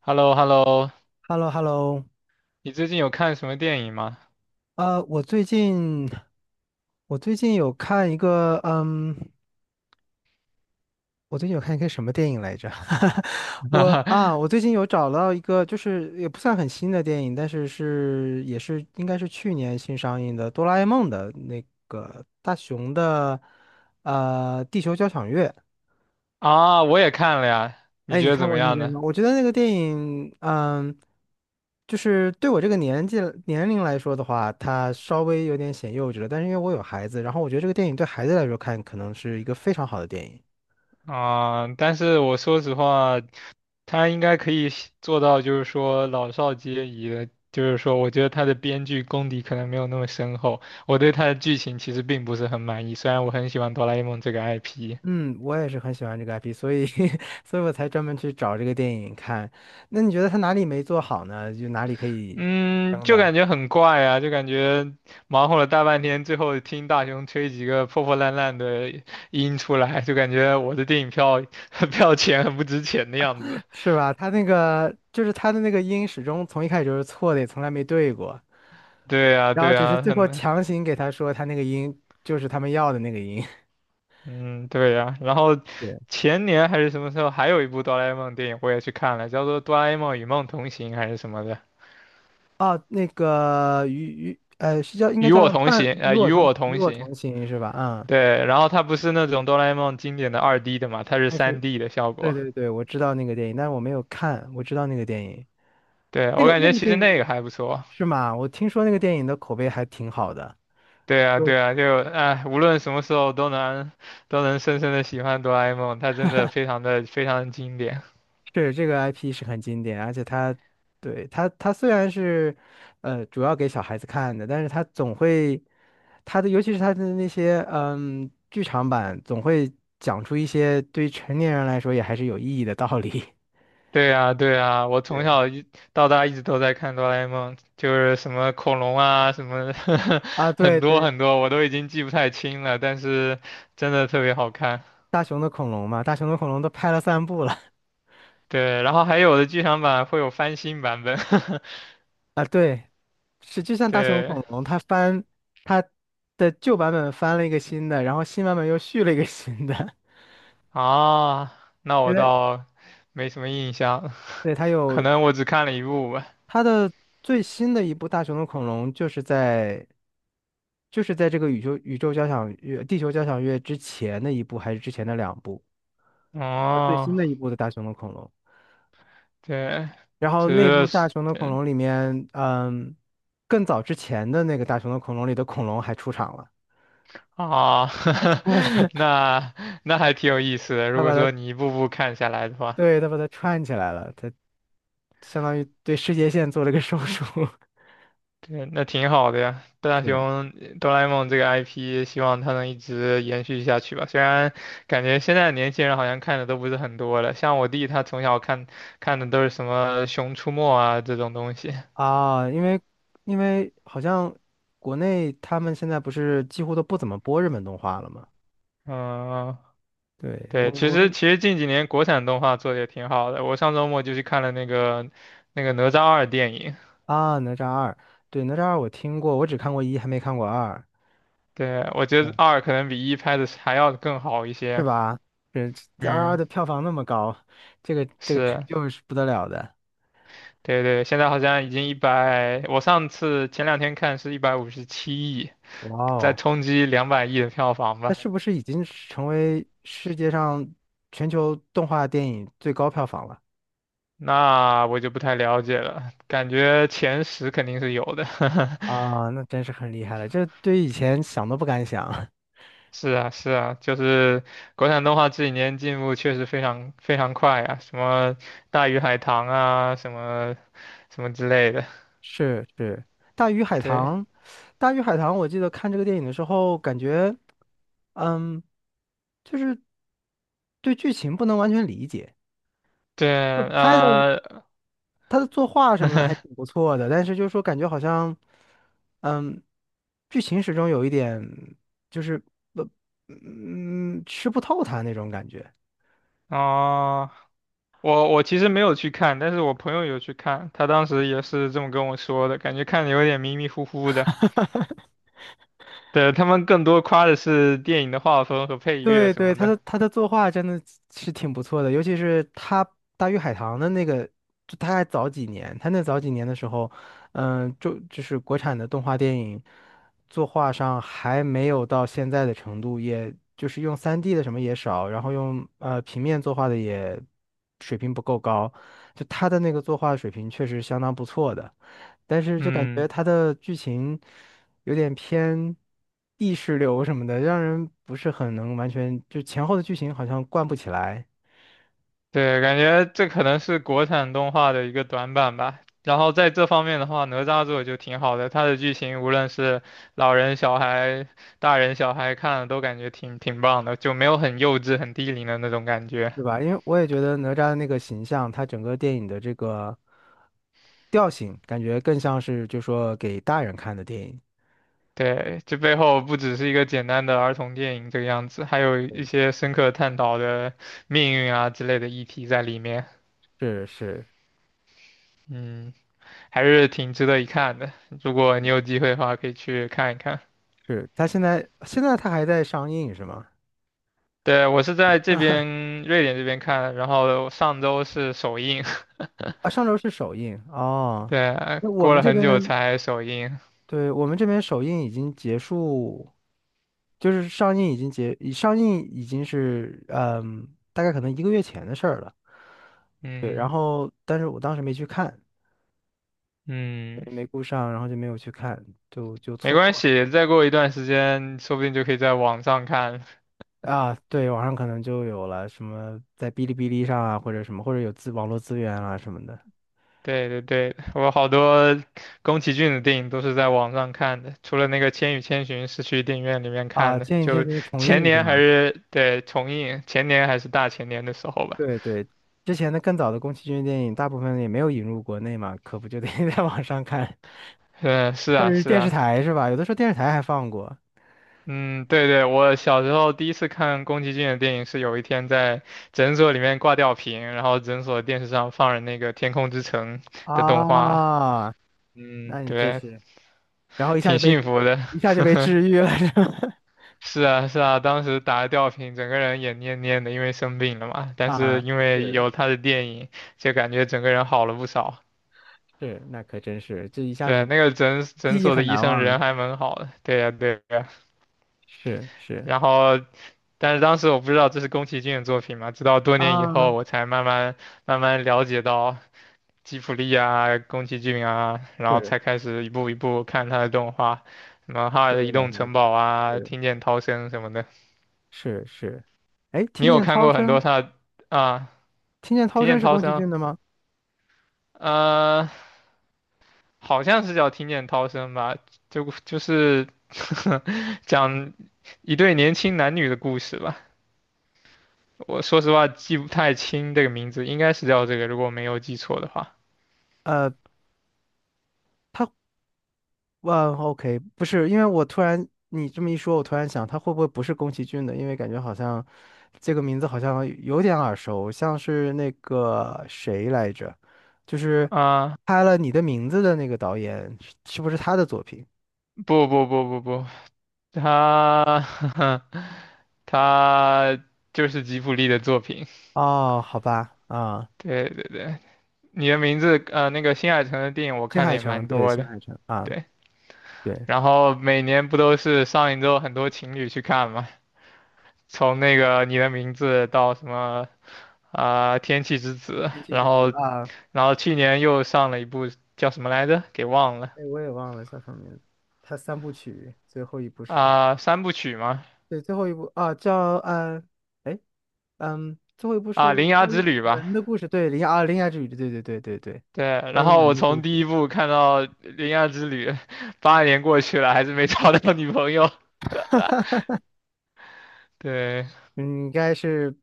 h e l l o h e l l o h e l l o h e l l o 你最近有看什么电影吗？我最近我最近有看一个，我最近有看一个什么电影来着？我啊，我最近有找到一个，就是也不算很新的电影，但是是也是应该是去年新上映的《哆啦 A 梦》的那个大雄的，地球交响乐。啊，我也看了呀，你哎，你觉得看怎么过那样个呢？吗？我觉得那个电影，就是对我这个年龄来说的话，它稍微有点显幼稚了。但是因为我有孩子，然后我觉得这个电影对孩子来说看，可能是一个非常好的电影。啊，但是我说实话，他应该可以写做到，就是说老少皆宜的。就是说，我觉得他的编剧功底可能没有那么深厚，我对他的剧情其实并不是很满意，虽然我很喜欢哆啦 A 梦这个 IP。嗯，我也是很喜欢这个 IP,所以 所以我才专门去找这个电影看。那你觉得它哪里没做好呢？就哪里可以？嗯，就的。感觉很怪啊，就感觉忙活了大半天，最后听大雄吹几个破破烂烂的音出来，就感觉我的电影票 票钱很不值钱的样子。是吧？他的那个音始终从一开始就是错的，也从来没对过，对呀，然后对只是呀，最后很，强行给他说他那个音就是他们要的那个音。嗯，对呀。然后对，前年还是什么时候，还有一部哆啦 A 梦电影我也去看了，叫做《哆啦 A 梦与梦同行》还是什么的，哦，那个与与呃是叫应该与叫我同行，与我与同我行。同行是吧？嗯，对，然后它不是那种哆啦 A 梦经典的2D 的嘛，它是但是3D 的效对果。对对，我知道那个电影，但是我没有看，我知道那个电影，对，那我个感那觉个其实电那个影还不错。是吗？我听说那个电影的口碑还挺好的。对啊，对啊，就哎，无论什么时候都能深深的喜欢哆啦 A 梦，它真的非常的非常的经典。是这个 IP 是很经典，而且它，对，它虽然是，主要给小孩子看的，但是它总会，尤其是它的那些，剧场版总会讲出一些对于成年人来说也还是有意义的道理。 对啊，对啊，我 从对，小一到大一直都在看哆啦 A 梦，就是什么恐龙啊，什么 啊。对很多对，很多，我都已经记不太清了，但是真的特别好看。大雄的恐龙嘛，大雄的恐龙都拍了三部了。 对，然后还有的剧场版会有翻新版本。啊。对，是就 像大雄对恐龙，它的旧版本翻了一个新的，然后新版本又续了一个新的。啊，那对，我倒没什么印象，对，它可有能我只看了一部吧。它的最新的一部《大雄的恐龙》就是在这个宇宙交响乐、地球交响乐之前的一部，还是之前的两部？它最新哦。的一部的《大雄的恐龙》，对，然后那部这《大是雄的恐对龙》里面，嗯，更早之前的那个《大雄的恐龙》里的恐龙还出场了。啊，那那还挺有意思的。如他果把它说你一步步看下来的话，对他把它串起来了，他相当于对世界线做了个手术。对，那挺好的呀。大是雄哆啦 A 梦这个 IP，希望它能一直延续下去吧。虽然感觉现在的年轻人好像看的都不是很多了，像我弟他从小看的都是什么《熊出没》啊这种东西。啊，因为好像国内他们现在不是几乎都不怎么播日本动画了吗？嗯，对，我对，其实近几年国产动画做的也挺好的。我上周末就去看了那个《哪吒二》电影。啊，哪吒二，对，哪吒二我听过，我只看过一，还没看过二，对，我觉得嗯，二可能比一拍的还要更好一是些。吧？这二嗯，的票房那么高，这个成是，就是不得了的。对对，现在好像已经一百，我上次前两天看是157亿，哇在哦，冲击200亿的票房那吧。是不是已经是成为世界上全球动画电影最高票房了？那我就不太了解了，感觉前十肯定是有的。啊，那真是很厉害了，这对以前想都不敢想。是啊，是啊，就是国产动画这几年进步确实非常非常快啊，什么《大鱼海棠》啊，什么什么之类的。是是，《大鱼海对棠》，《大鱼海棠》，我记得看这个电影的时候，感觉，嗯，就是对剧情不能完全理解，对，就拍的呃，他的作画什么的还 挺不错的，但是就是说感觉好像，嗯，剧情始终有一点就是不，嗯，吃不透它那种感觉。哦。我其实没有去看，但是我朋友有去看，他当时也是这么跟我说的，感觉看的有点迷迷糊糊的。对，他们更多夸的是电影的画风和配乐对什对，么的。他的作画真的是挺不错的，尤其是他《大鱼海棠》的那个，就他还早几年，他那早几年的时候，就是国产的动画电影作画上还没有到现在的程度，也就是用三 d 的什么也少，然后用平面作画的也水平不够高，就他的那个作画水平确实相当不错的，但是就感觉嗯，他的剧情。有点偏意识流什么的，让人不是很能完全就前后的剧情好像贯不起来，对，感觉这可能是国产动画的一个短板吧。然后在这方面的话，哪吒做得就挺好的，它的剧情无论是老人、小孩、大人、小孩看了都感觉挺棒的，就没有很幼稚、很低龄的那种感觉。对吧？因为我也觉得哪吒的那个形象，他整个电影的这个调性，感觉更像是就说给大人看的电影。对，这背后不只是一个简单的儿童电影这个样子，还有一些深刻探讨的命运啊之类的议题在里面。是是嗯，还是挺值得一看的。如果你有机会的话，可以去看一看。是，他现在他还在上映是吗？对，我是在这边瑞典这边看的，然后上周是首映，啊，上周是首映 哦。对，那我过们了这很久边。才首映。对，我们这边首映已经结束，就是上映已经是大概可能一个月前的事儿了。对，然嗯后但是我当时没去看，嗯，对没顾上，然后就没有去看，就没错关过了。系，再过一段时间，说不定就可以在网上看。啊。对，网上可能就有了什么在哔哩哔哩上啊，或者什么，或者有网络资源啊什么的。对对对，我好多宫崎骏的电影都是在网上看的，除了那个《千与千寻》是去电影院里面啊。看的，《千与千就寻》的重前映是年还吗？是对重映，前年还是大前年的时候吧。对对，之前的更早的宫崎骏电影，大部分也没有引入国内嘛，可不就得 在网上看。嗯，是或啊，者是是电视啊，台是吧？有的时候电视台还放过。嗯，对对，我小时候第一次看宫崎骏的电影是有一天在诊所里面挂吊瓶，然后诊所电视上放着那个《天空之城》的动画，啊，嗯，那你这对，是，然后一下就挺被幸福的。一下就被 治愈了 是吧？是啊，是啊，当时打了吊瓶，整个人也蔫蔫的，因为生病了嘛。但是啊，因为是有他的电影，就感觉整个人好了不少。是，那可真是，这一下对，子那个诊诊记忆所的很医难生人忘，还蛮好的。对呀，对呀。是是然后，但是当时我不知道这是宫崎骏的作品嘛，直到多年以啊，后我才慢慢了解到吉卜力啊、宫崎骏啊，然后是，才开始一步一步看他的动画，什么《哈尔这的移位老动师来城堡》看，啊、是《听见涛声》什么的。是是，哎，你听有见看涛过很声，多他的啊？听见涛听声见是涛宫崎声，骏的吗？呃，好像是叫听见涛声吧，就是 讲一对年轻男女的故事吧。我说实话记不太清这个名字，应该是叫这个，如果没有记错的话。呃，他。万 OK，不是，因为我突然你这么一说，我突然想，他会不会不是宫崎骏的？因为感觉好像这个名字好像有点耳熟，像是那个谁来着，就是啊，拍了《你的名字》的那个导演，是不是他的作品？不不不不不，他 他就是吉卜力的作品。哦，好吧，啊，对对对，你的名字那个新海诚的电影我新看的海也诚，蛮对，多新的。海诚啊，对，对，然后每年不都是上一周很多情侣去看吗？从那个你的名字到什么啊，天气之子，天气然之子后啊，去年又上了一部叫什么来着，给忘了哎，我也忘了叫什么名字，他三部曲最后一部是什么？啊，三部曲吗？对，最后一部啊，哎。嗯，最后一部啊，是铃芽关之于旅吧。门的故事，对，铃芽之旅，对，对，然关于后门我的故从事。第一部看到铃芽之旅，8年过去了，还是没找到女朋友。对，嗯，应该是，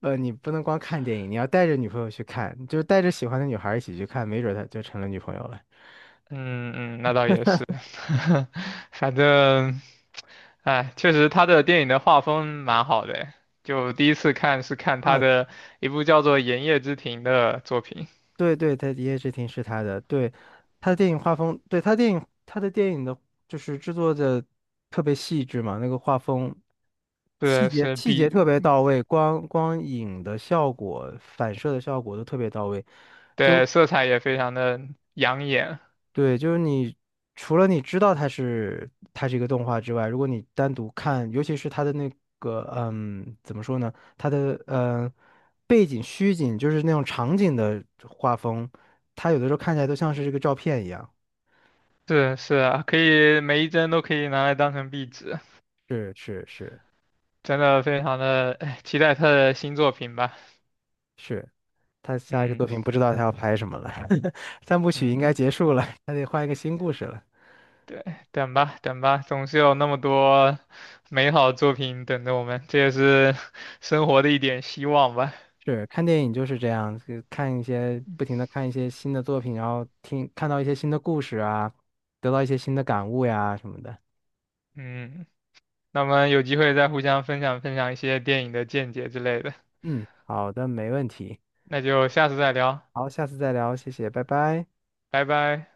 你不能光看电影，你要带着女朋友去看，就是带着喜欢的女孩儿一起去看，没准儿她就成了女朋友了。嗯嗯，那倒也是，反正，哎，确实他的电影的画风蛮好的，就第一次看是看他啊，的一部叫做《炎夜之庭》的作品。对对，他《一夜之庭》是他的，对，他的电影画风，他的电影的，就是制作的特别细致嘛，那个画风对，是细节壁，特别到位，光影的效果、反射的效果都特别到位。对色彩也非常的养眼，对，就是你除了你知道它是一个动画之外，如果你单独看，尤其是它的那个怎么说呢？它的背景虚景，就是那种场景的画风，它有的时候看起来都像是这个照片一样。是是啊，可以每一帧都可以拿来当成壁纸，是是是真的非常的哎期待他的新作品吧。是，他下一个作嗯品不知道他要拍什么了，三部曲应该嗯，结束了，他得换一个新故事了。对，等吧等吧，总是有那么多美好作品等着我们，这也是 生活的一点希望吧。是看电影就是这样，就看一些不停的看一些新的作品，然后看到一些新的故事啊，得到一些新的感悟呀什么的。嗯，那么有机会再互相分享分享一些电影的见解之类的，嗯，好的，没问题。那就下次再聊，好，下次再聊，谢谢，拜拜。拜拜。